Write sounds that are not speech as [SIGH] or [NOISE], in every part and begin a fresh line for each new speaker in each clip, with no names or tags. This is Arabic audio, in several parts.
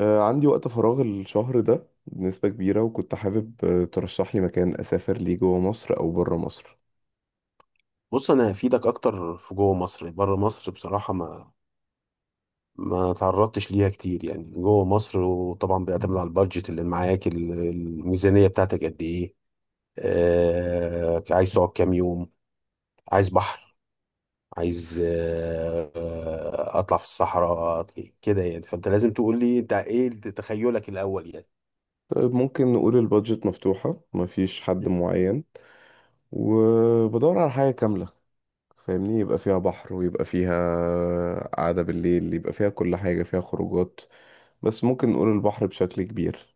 عندي وقت فراغ الشهر ده بنسبة كبيرة، وكنت حابب ترشح لي مكان أسافر ليه جوه مصر أو بره مصر.
بص، انا هفيدك اكتر في جوه مصر. يعني بره مصر بصراحه ما تعرضتش ليها كتير، يعني جوه مصر. وطبعا بيعتمد على البادجت اللي معاك، الميزانيه بتاعتك قد ايه؟ عايز تقعد كام يوم؟ عايز بحر؟ عايز اطلع في الصحراء، كده؟ يعني فانت لازم تقول لي انت ايه تخيلك الاول يعني.
طيب، ممكن نقول البادجت مفتوحة، مفيش حد معين، وبدور على حاجة كاملة فاهمني، يبقى فيها بحر ويبقى فيها قعدة بالليل، يبقى فيها كل حاجة، فيها خروجات، بس ممكن نقول البحر بشكل كبير.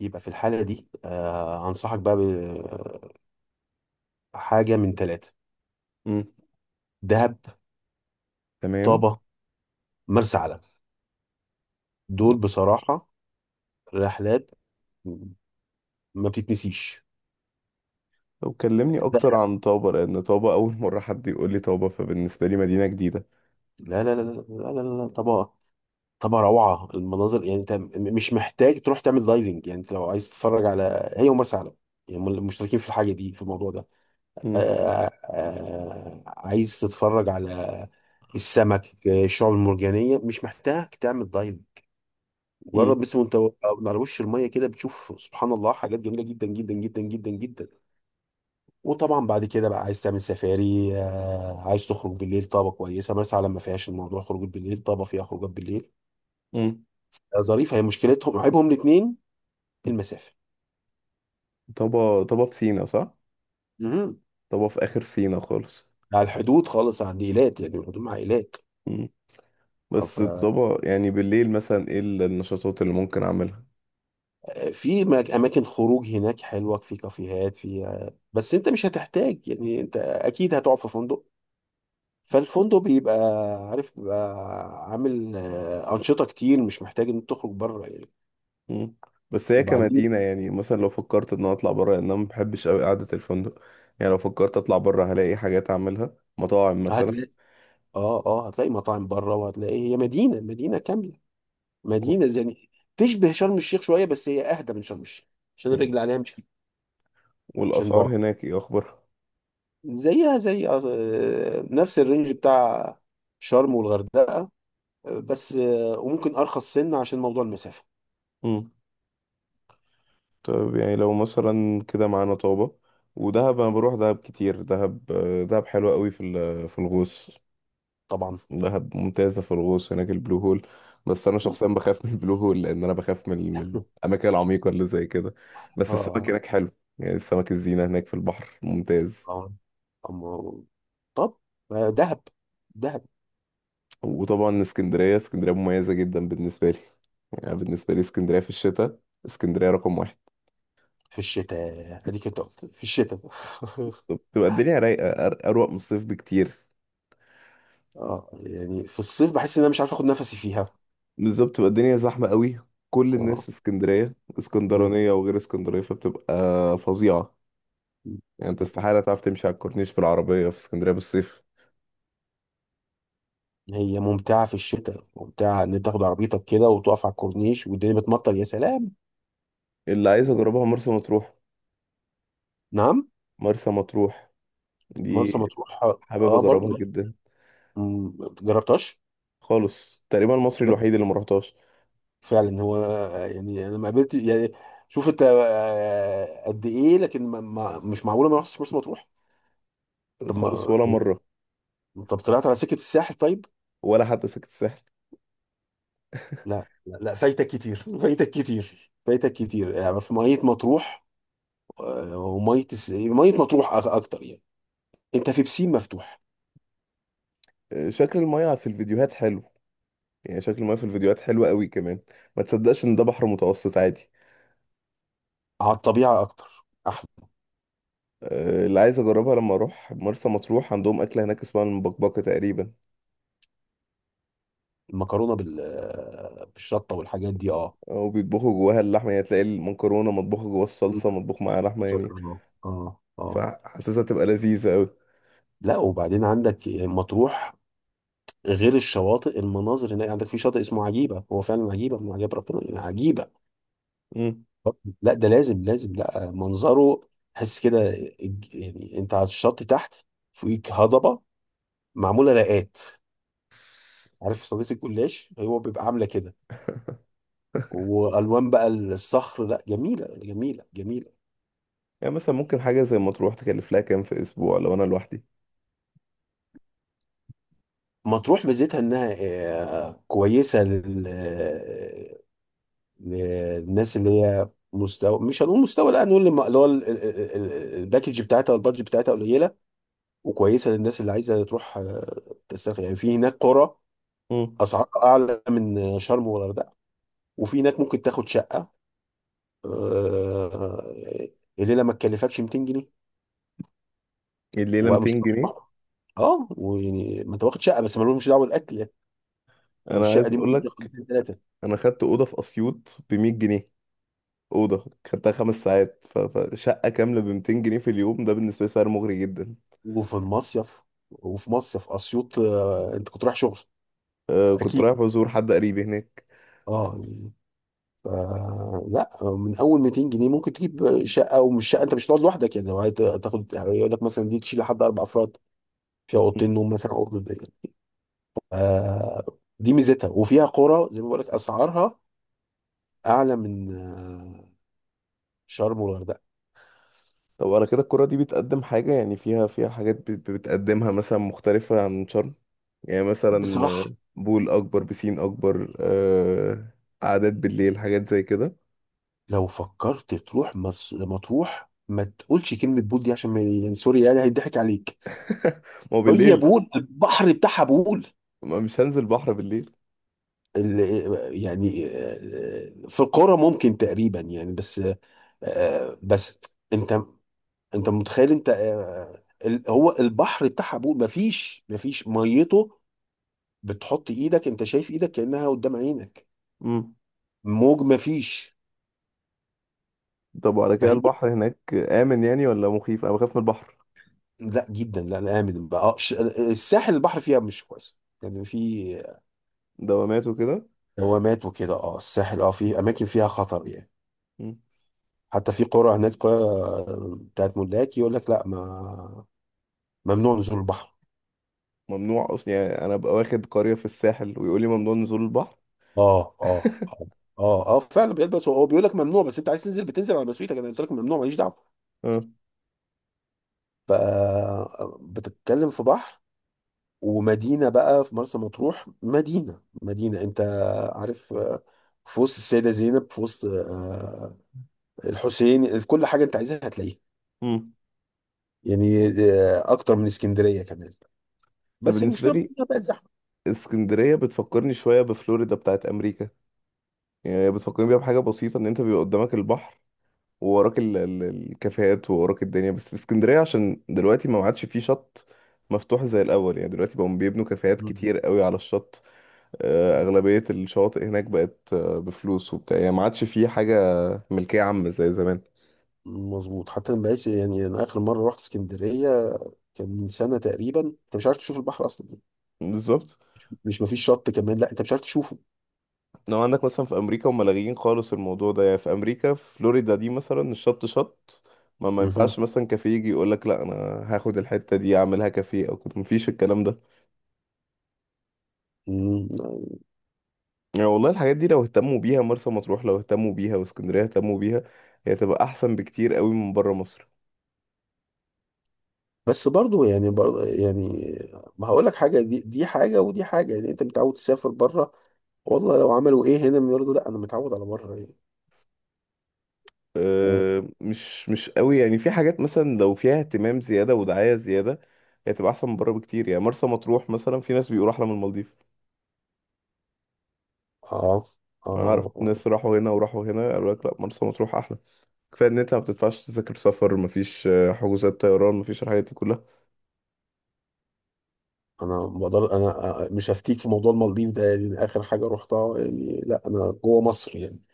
يبقى في الحاله دي انصحك بقى بحاجه من ثلاثه:
مم.
دهب،
تمام.
طابه، مرسى علم. دول بصراحه رحلات ما بتتنسيش.
طب كلمني أكتر عن طابة، لأن طابة أول [LAUGHS] مرة حد يقول لي طابة، فبالنسبة لي مدينة جديدة.
لا، لا، لا، لا، لا، لا، لا. طبعا، طبعا روعة المناظر. يعني انت مش محتاج تروح تعمل دايفنج. يعني انت لو عايز تتفرج، على هي ومرسى علم، يعني هم اللي مشتركين في الحاجة دي، في الموضوع ده.
مم.
آه عايز تتفرج على السمك، الشعاب المرجانية. مش محتاج تعمل دايفنج،
مم.
مجرد بس وانت على وش المية كده بتشوف سبحان الله حاجات جميلة جدا جدا جدا جدا جدا. وطبعا بعد كده بقى عايز تعمل سفاري، عايز تخرج بالليل. طابة كويسة، مرسى علم ما فيهاش الموضوع خروج بالليل، طابة فيها خروجات بالليل.
مم.
ظريفة. هي مشكلتهم، عيبهم الاتنين، المسافة.
طابة طابة في سينا صح؟
مهم.
طبعا في آخر سينا خالص.
على الحدود خالص عند إيلات، يعني الحدود مع إيلات.
مم. بس طبعا يعني بالليل مثلا ايه النشاطات اللي ممكن اعملها؟
ففي أماكن خروج هناك حلوة، في كافيهات، في بس أنت مش هتحتاج. يعني أنت أكيد هتقعد في فندق. فالفندق بيبقى، عارف، بيبقى عامل أنشطة كتير. مش محتاج إن أنت تخرج بره يعني.
مم. بس هي
وبعدين
كمدينة، يعني مثلا لو فكرت ان انا اطلع بره، لان انا ما بحبش قوي قعدة الفندق، يعني لو فكرت اطلع بره هلاقي حاجات اعملها، مطاعم
صحيح
مثلا؟
هتلاقي. اه هتلاقي مطاعم بره، وهتلاقي هي مدينه، مدينه كامله، مدينه زي، يعني تشبه شرم الشيخ شويه. بس هي اهدى من شرم الشيخ، عشان
مم.
الرجل عليها مش، عشان
والاسعار
بعد
هناك ايه اخبارها؟
زيها زي نفس الرينج بتاع شرم والغردقه. بس وممكن ارخص سنه عشان موضوع المسافه
مم. طيب، يعني لو مثلا كده معانا طابة ودهب، انا بروح دهب كتير، دهب دهب حلوة قوي في الغوص.
طبعا.
دهب ممتازة في الغوص، هناك البلو هول. بس أنا
م.
شخصيا بخاف من البلو هول، لأن أنا بخاف من
[LAUGHS]
الأماكن العميقة اللي زي كده. بس السمك
اه
هناك حلو، يعني السمك الزينة هناك في البحر ممتاز.
اه أما- طب دهب، دهب
وطبعا اسكندرية، اسكندرية مميزة جدا بالنسبة لي، يعني بالنسبة لي اسكندرية في الشتاء، اسكندرية رقم واحد.
في الشتاء، اديك انت قلت في الشتاء. [LAUGHS]
بتبقى الدنيا رايقة، أروق من الصيف بكتير.
اه يعني في الصيف بحس ان انا مش عارف اخد نفسي فيها،
بالظبط، بتبقى الدنيا زحمة قوي، كل الناس
اه.
في اسكندرية، اسكندرانية وغير اسكندرية، فبتبقى فظيعة. يعني انت استحالة تعرف تمشي على الكورنيش بالعربية في اسكندرية بالصيف.
هي ممتعة في الشتاء، ممتعة إن أنت تاخد عربيتك كده وتقف على الكورنيش والدنيا بتمطر، يا سلام.
اللي عايز اجربها مرسى مطروح.
نعم.
مرسى مطروح
مرسى
دي
مطروح.
حابب
أه
اجربها
برضو،
جدا.
جربتهاش.
خالص، تقريبا المصري
لا،
الوحيد اللي ما رحتهاش
فعلا هو، يعني أنا ما قابلت يعني. شوف أنت قد إيه، لكن ما مش معقولة ما رحتش مرسى مطروح. طب
خالص،
ما
ولا مره،
طب طلعت على سكة الساحل طيب؟
ولا حتى سكت الساحل.
لا، لا، لا، فايتك كتير، [LAUGHS] فايتك كتير، فايتك كتير، يعني في مية مطروح. ومية مية مطروح أكتر يعني. أنت في بسين مفتوح،
شكل المياه في الفيديوهات حلو، يعني شكل المياه في الفيديوهات حلو قوي كمان، ما تصدقش ان ده بحر متوسط عادي.
على الطبيعة أكتر أحلى.
اللي عايز اجربها لما اروح مرسى مطروح، عندهم اكله هناك اسمها المبكبكه تقريبا.
المكرونة بالشطة والحاجات دي، أه.
وبيطبخوا جواها اللحمه، يعني تلاقي المكرونه مطبوخه جواها الصلصه،
مم.
مطبوخ معاها لحمه
آه.
يعني.
أه، أه.
فحاسسها تبقى لذيذه
لا، وبعدين عندك مطروح، غير الشواطئ، المناظر هناك. عندك في شاطئ اسمه عجيبة، هو فعلا عجيبة من عجائب ربنا، يعني عجيبة.
قوي.
لا، ده لازم، لازم، لا، منظره تحس كده. يعني أنت على الشط تحت، فوقيك هضبة معمولة رقات، عارف صديق الجلاش، هو بيبقى عاملة كده. وألوان بقى الصخر، لا، جميلة، جميلة، جميلة.
يعني مثلا ممكن حاجة زي ما تروح تكلف لها كام في أسبوع لو أنا لوحدي؟
مطروح ميزتها انها كويسه للناس اللي هي مستوى، مش هنقول مستوى، لا هنقول اللي هو الباكج بتاعتها والبادج بتاعتها قليله. وكويسه للناس اللي عايزه تروح تسترخي. يعني في هناك قرى،
مم.
اسعارها اعلى من شرم والغردقه. وفي هناك ممكن تاخد شقه، آه، الليله ما تكلفكش 200 جنيه.
الليلة
ومش،
200 جنيه؟
اه، ويعني ما انت واخد شقه، بس مالهمش دعوه بالاكل يعني.
أنا
والشقه
عايز
دي
أقول
ممكن تاخد
لك،
اثنين، ثلاثه.
أنا خدت أوضة في أسيوط ب 100 جنيه، أوضة خدتها خمس ساعات، فشقة كاملة ب 200 جنيه في اليوم، ده بالنسبة لي سعر مغري جدا.
وفي المصيف وفي مصيف اسيوط، انت كنت رايح شغل؟
أه كنت
اكيد.
رايح بزور حد قريبي هناك.
اه يعني، ف- لا، من اول 200 جنيه ممكن تجيب شقه. ومش شقه، انت مش هتقعد لوحدك يعني، لو هتاخد يقول لك مثلا دي تشيل لحد اربع افراد، فيها
مم.
اوضتين نوم مثلا، او اوضه ضيقة. آه دي ميزتها، وفيها قرى زي ما بقول لك، اسعارها اعلى من شرم والغردقه
طب على كده القرى دي بتقدم حاجة، يعني فيها، فيها حاجات بتقدمها مثلا مختلفة عن شرم؟ يعني مثلا
بصراحه.
بول أكبر، بسين أكبر، أه، قعدات بالليل، حاجات زي كده.
لو فكرت تروح مطروح، ما تقولش كلمه بول دي، عشان ما يعني، سوري يعني، هيضحك عليك.
[LAUGHS] ما هو
هي
بالليل،
بول، [LAUGHS] البحر بتاعها بول.
ما مش هنزل بحر بالليل.
يعني في القرى ممكن تقريبا يعني، بس بس انت، انت متخيل انت، هو البحر بتاعها ابوه، مفيش ميته. بتحط ايدك انت شايف ايدك كأنها قدام عينك،
امم.
موج مفيش.
طب وعلى كده
فهي،
البحر هناك آمن يعني ولا مخيف؟ انا بخاف من البحر،
لا، جدا، لا، لا، امن بقى، الساحل البحر فيها مش كويس، يعني في
دوامات وكده.
دوامات وكده. اه، الساحل، اه في اماكن فيها خطر يعني.
امم.
حتى في قرى، هناك قرى بتاعت ملاك يقول لك لا، ما، ممنوع نزول البحر.
ممنوع اصلا؟ يعني انا ببقى واخد قرية في الساحل ويقول لي ممنوع نزول البحر؟
اه، اه،
[LAUGHS]
اه، اه، اه، فعلا بيلبس، هو بيقول لك ممنوع، بس انت عايز تنزل بتنزل على مسؤوليتك، انا قلت لك ممنوع ماليش دعوه.
اه.
ف بتتكلم في بحر، ومدينه بقى، في مرسى مطروح مدينه، مدينه انت عارف في وسط السيده زينب، في وسط الحسين، في كل حاجه انت عايزها هتلاقيها.
امم.
يعني اكتر من اسكندريه كمان.
انا
بس
بالنسبة
المشكله بقى
لي
انها بقت زحمه.
اسكندرية بتفكرني شوية بفلوريدا بتاعت امريكا، يعني هي بتفكرني بيها بحاجة بسيطة، ان انت بيبقى قدامك البحر، ووراك الكافيهات، ووراك الدنيا، بس في اسكندرية عشان دلوقتي ما عادش فيه شط مفتوح زي الاول، يعني دلوقتي بقوا بيبنوا كافيهات
مم.
كتير قوي على الشط. أغلبية الشواطئ هناك بقت بفلوس وبتاع، يعني ما عادش فيه حاجة ملكية عامة زي زمان.
مظبوط، حتى ما بقتش يعني. انا اخر مره رحت اسكندريه كان من سنه تقريبا، انت مش عارف تشوف البحر اصلا.
بالظبط.
مش، مفيش شط كمان، لا انت مش عارف تشوفه.
لو عندك مثلا في أمريكا، هم لاغيين خالص الموضوع ده، يعني في أمريكا، في فلوريدا دي مثلا، الشط شط، ما
مهم.
ينفعش مثلا كافيه يجي يقول لك لا انا هاخد الحتة دي اعملها كافيه او كده، مفيش الكلام ده.
مم.
يعني والله الحاجات دي لو اهتموا بيها، مرسى مطروح لو اهتموا بيها، واسكندرية اهتموا بيها، هي تبقى احسن بكتير قوي من بره مصر.
بس برضو يعني، برضو يعني ما هقول لك حاجه، دي حاجه ودي حاجه. يعني انت متعود تسافر بره، والله لو عملوا ايه هنا برضو، لا انا متعود على بره يعني. اه،
مش قوي، يعني في حاجات مثلا لو فيها اهتمام زيادة ودعاية زيادة، هي تبقى أحسن من بره بكتير. يعني مرسى مطروح مثلا في ناس بيقولوا أحلى من المالديف،
اه.
ما أعرف
آه.
ناس راحوا هنا وراحوا هنا قالوا لك لأ مرسى مطروح أحلى. كفاية إن أنت ما بتدفعش تذاكر سفر، مفيش حجوزات طيران، مفيش الحاجات دي كلها.
انا مش هفتيك في موضوع المالديف ده، يعني اخر حاجه رحتها يعني، لا انا جوه مصر يعني.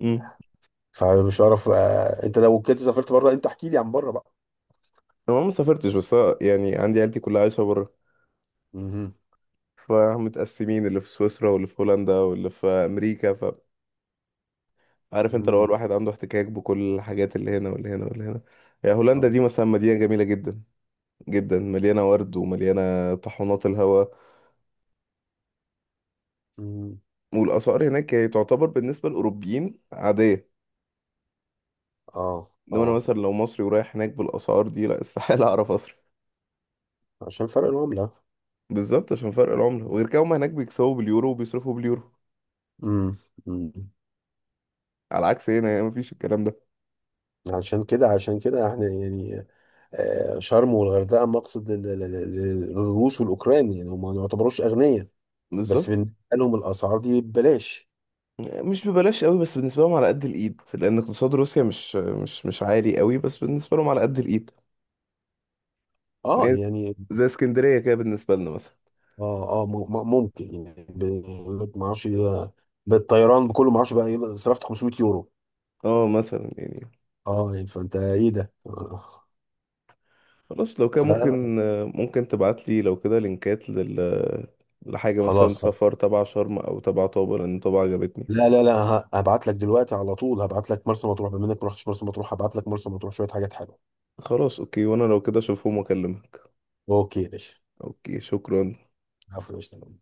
امم.
فمش عارف. انت لو كنت سافرت بره، انت احكي لي عن بره بقى.
أنا ما سافرتش، بس أنا يعني عندي عيلتي كلها عايشة بره،
مهم.
فمتقسمين، اللي في سويسرا واللي في هولندا واللي في أمريكا، فعارف أنت لو
مم.
الواحد عنده احتكاك بكل الحاجات، اللي هنا واللي هنا واللي هنا. يعني هولندا
اه.
دي مثلا مدينة جميلة جدا جدا، مليانة ورد ومليانة طحونات الهواء.
مم.
والأسعار هناك يعني تعتبر بالنسبة للأوروبيين عادية،
اه.
إنما أنا
آه.
مثلا لو مصري ورايح هناك بالأسعار دي، لا استحالة [LAUGHS] أعرف أصرف.
عشان فرق العمله.
بالظبط، عشان فرق العملة، وغير كده هما هناك بيكسبوا باليورو وبيصرفوا باليورو،
امم. أمم.
على عكس هنا، يعني مفيش الكلام ده.
عشان كده احنا يعني شرم والغردقه مقصد للروس والاوكران. يعني هم ما يعتبروش اغنياء، بس
بالظبط.
بالنسبه لهم الاسعار دي ببلاش.
مش ببلاش قوي، بس بالنسبة لهم على قد الإيد، لأن اقتصاد روسيا مش عالي قوي، بس بالنسبة لهم على قد الإيد.
اه
هي
يعني.
زي اسكندرية كده بالنسبة لنا مثلا.
اه، اه، ممكن يعني، ما اعرفش، بالطيران بكله ما اعرفش بقى إيه، صرفت 500 يورو.
اه مثلا يعني.
اه يعني، فانت ايه ده.
خلاص، لو كان
ف-
ممكن، ممكن تبعت لي لو كده لينكات لل، لحاجة مثلا
خلاص.
سفر تبع شرم أو تبع طابة، لأن طابة عجبتني.
لا، لا، لا، هبعت لك دلوقتي على طول. هبعت لك مرسى مطروح، بما انك ما رحتش مرسى مطروح، هبعت لك مرسى مطروح شويه حاجات حلوه.
خلاص، أوكي، وأنا لو كده أشوفهم وأكلمك.
اوكي يا باشا.
أوكي، شكرا.
عفوا يا باشا.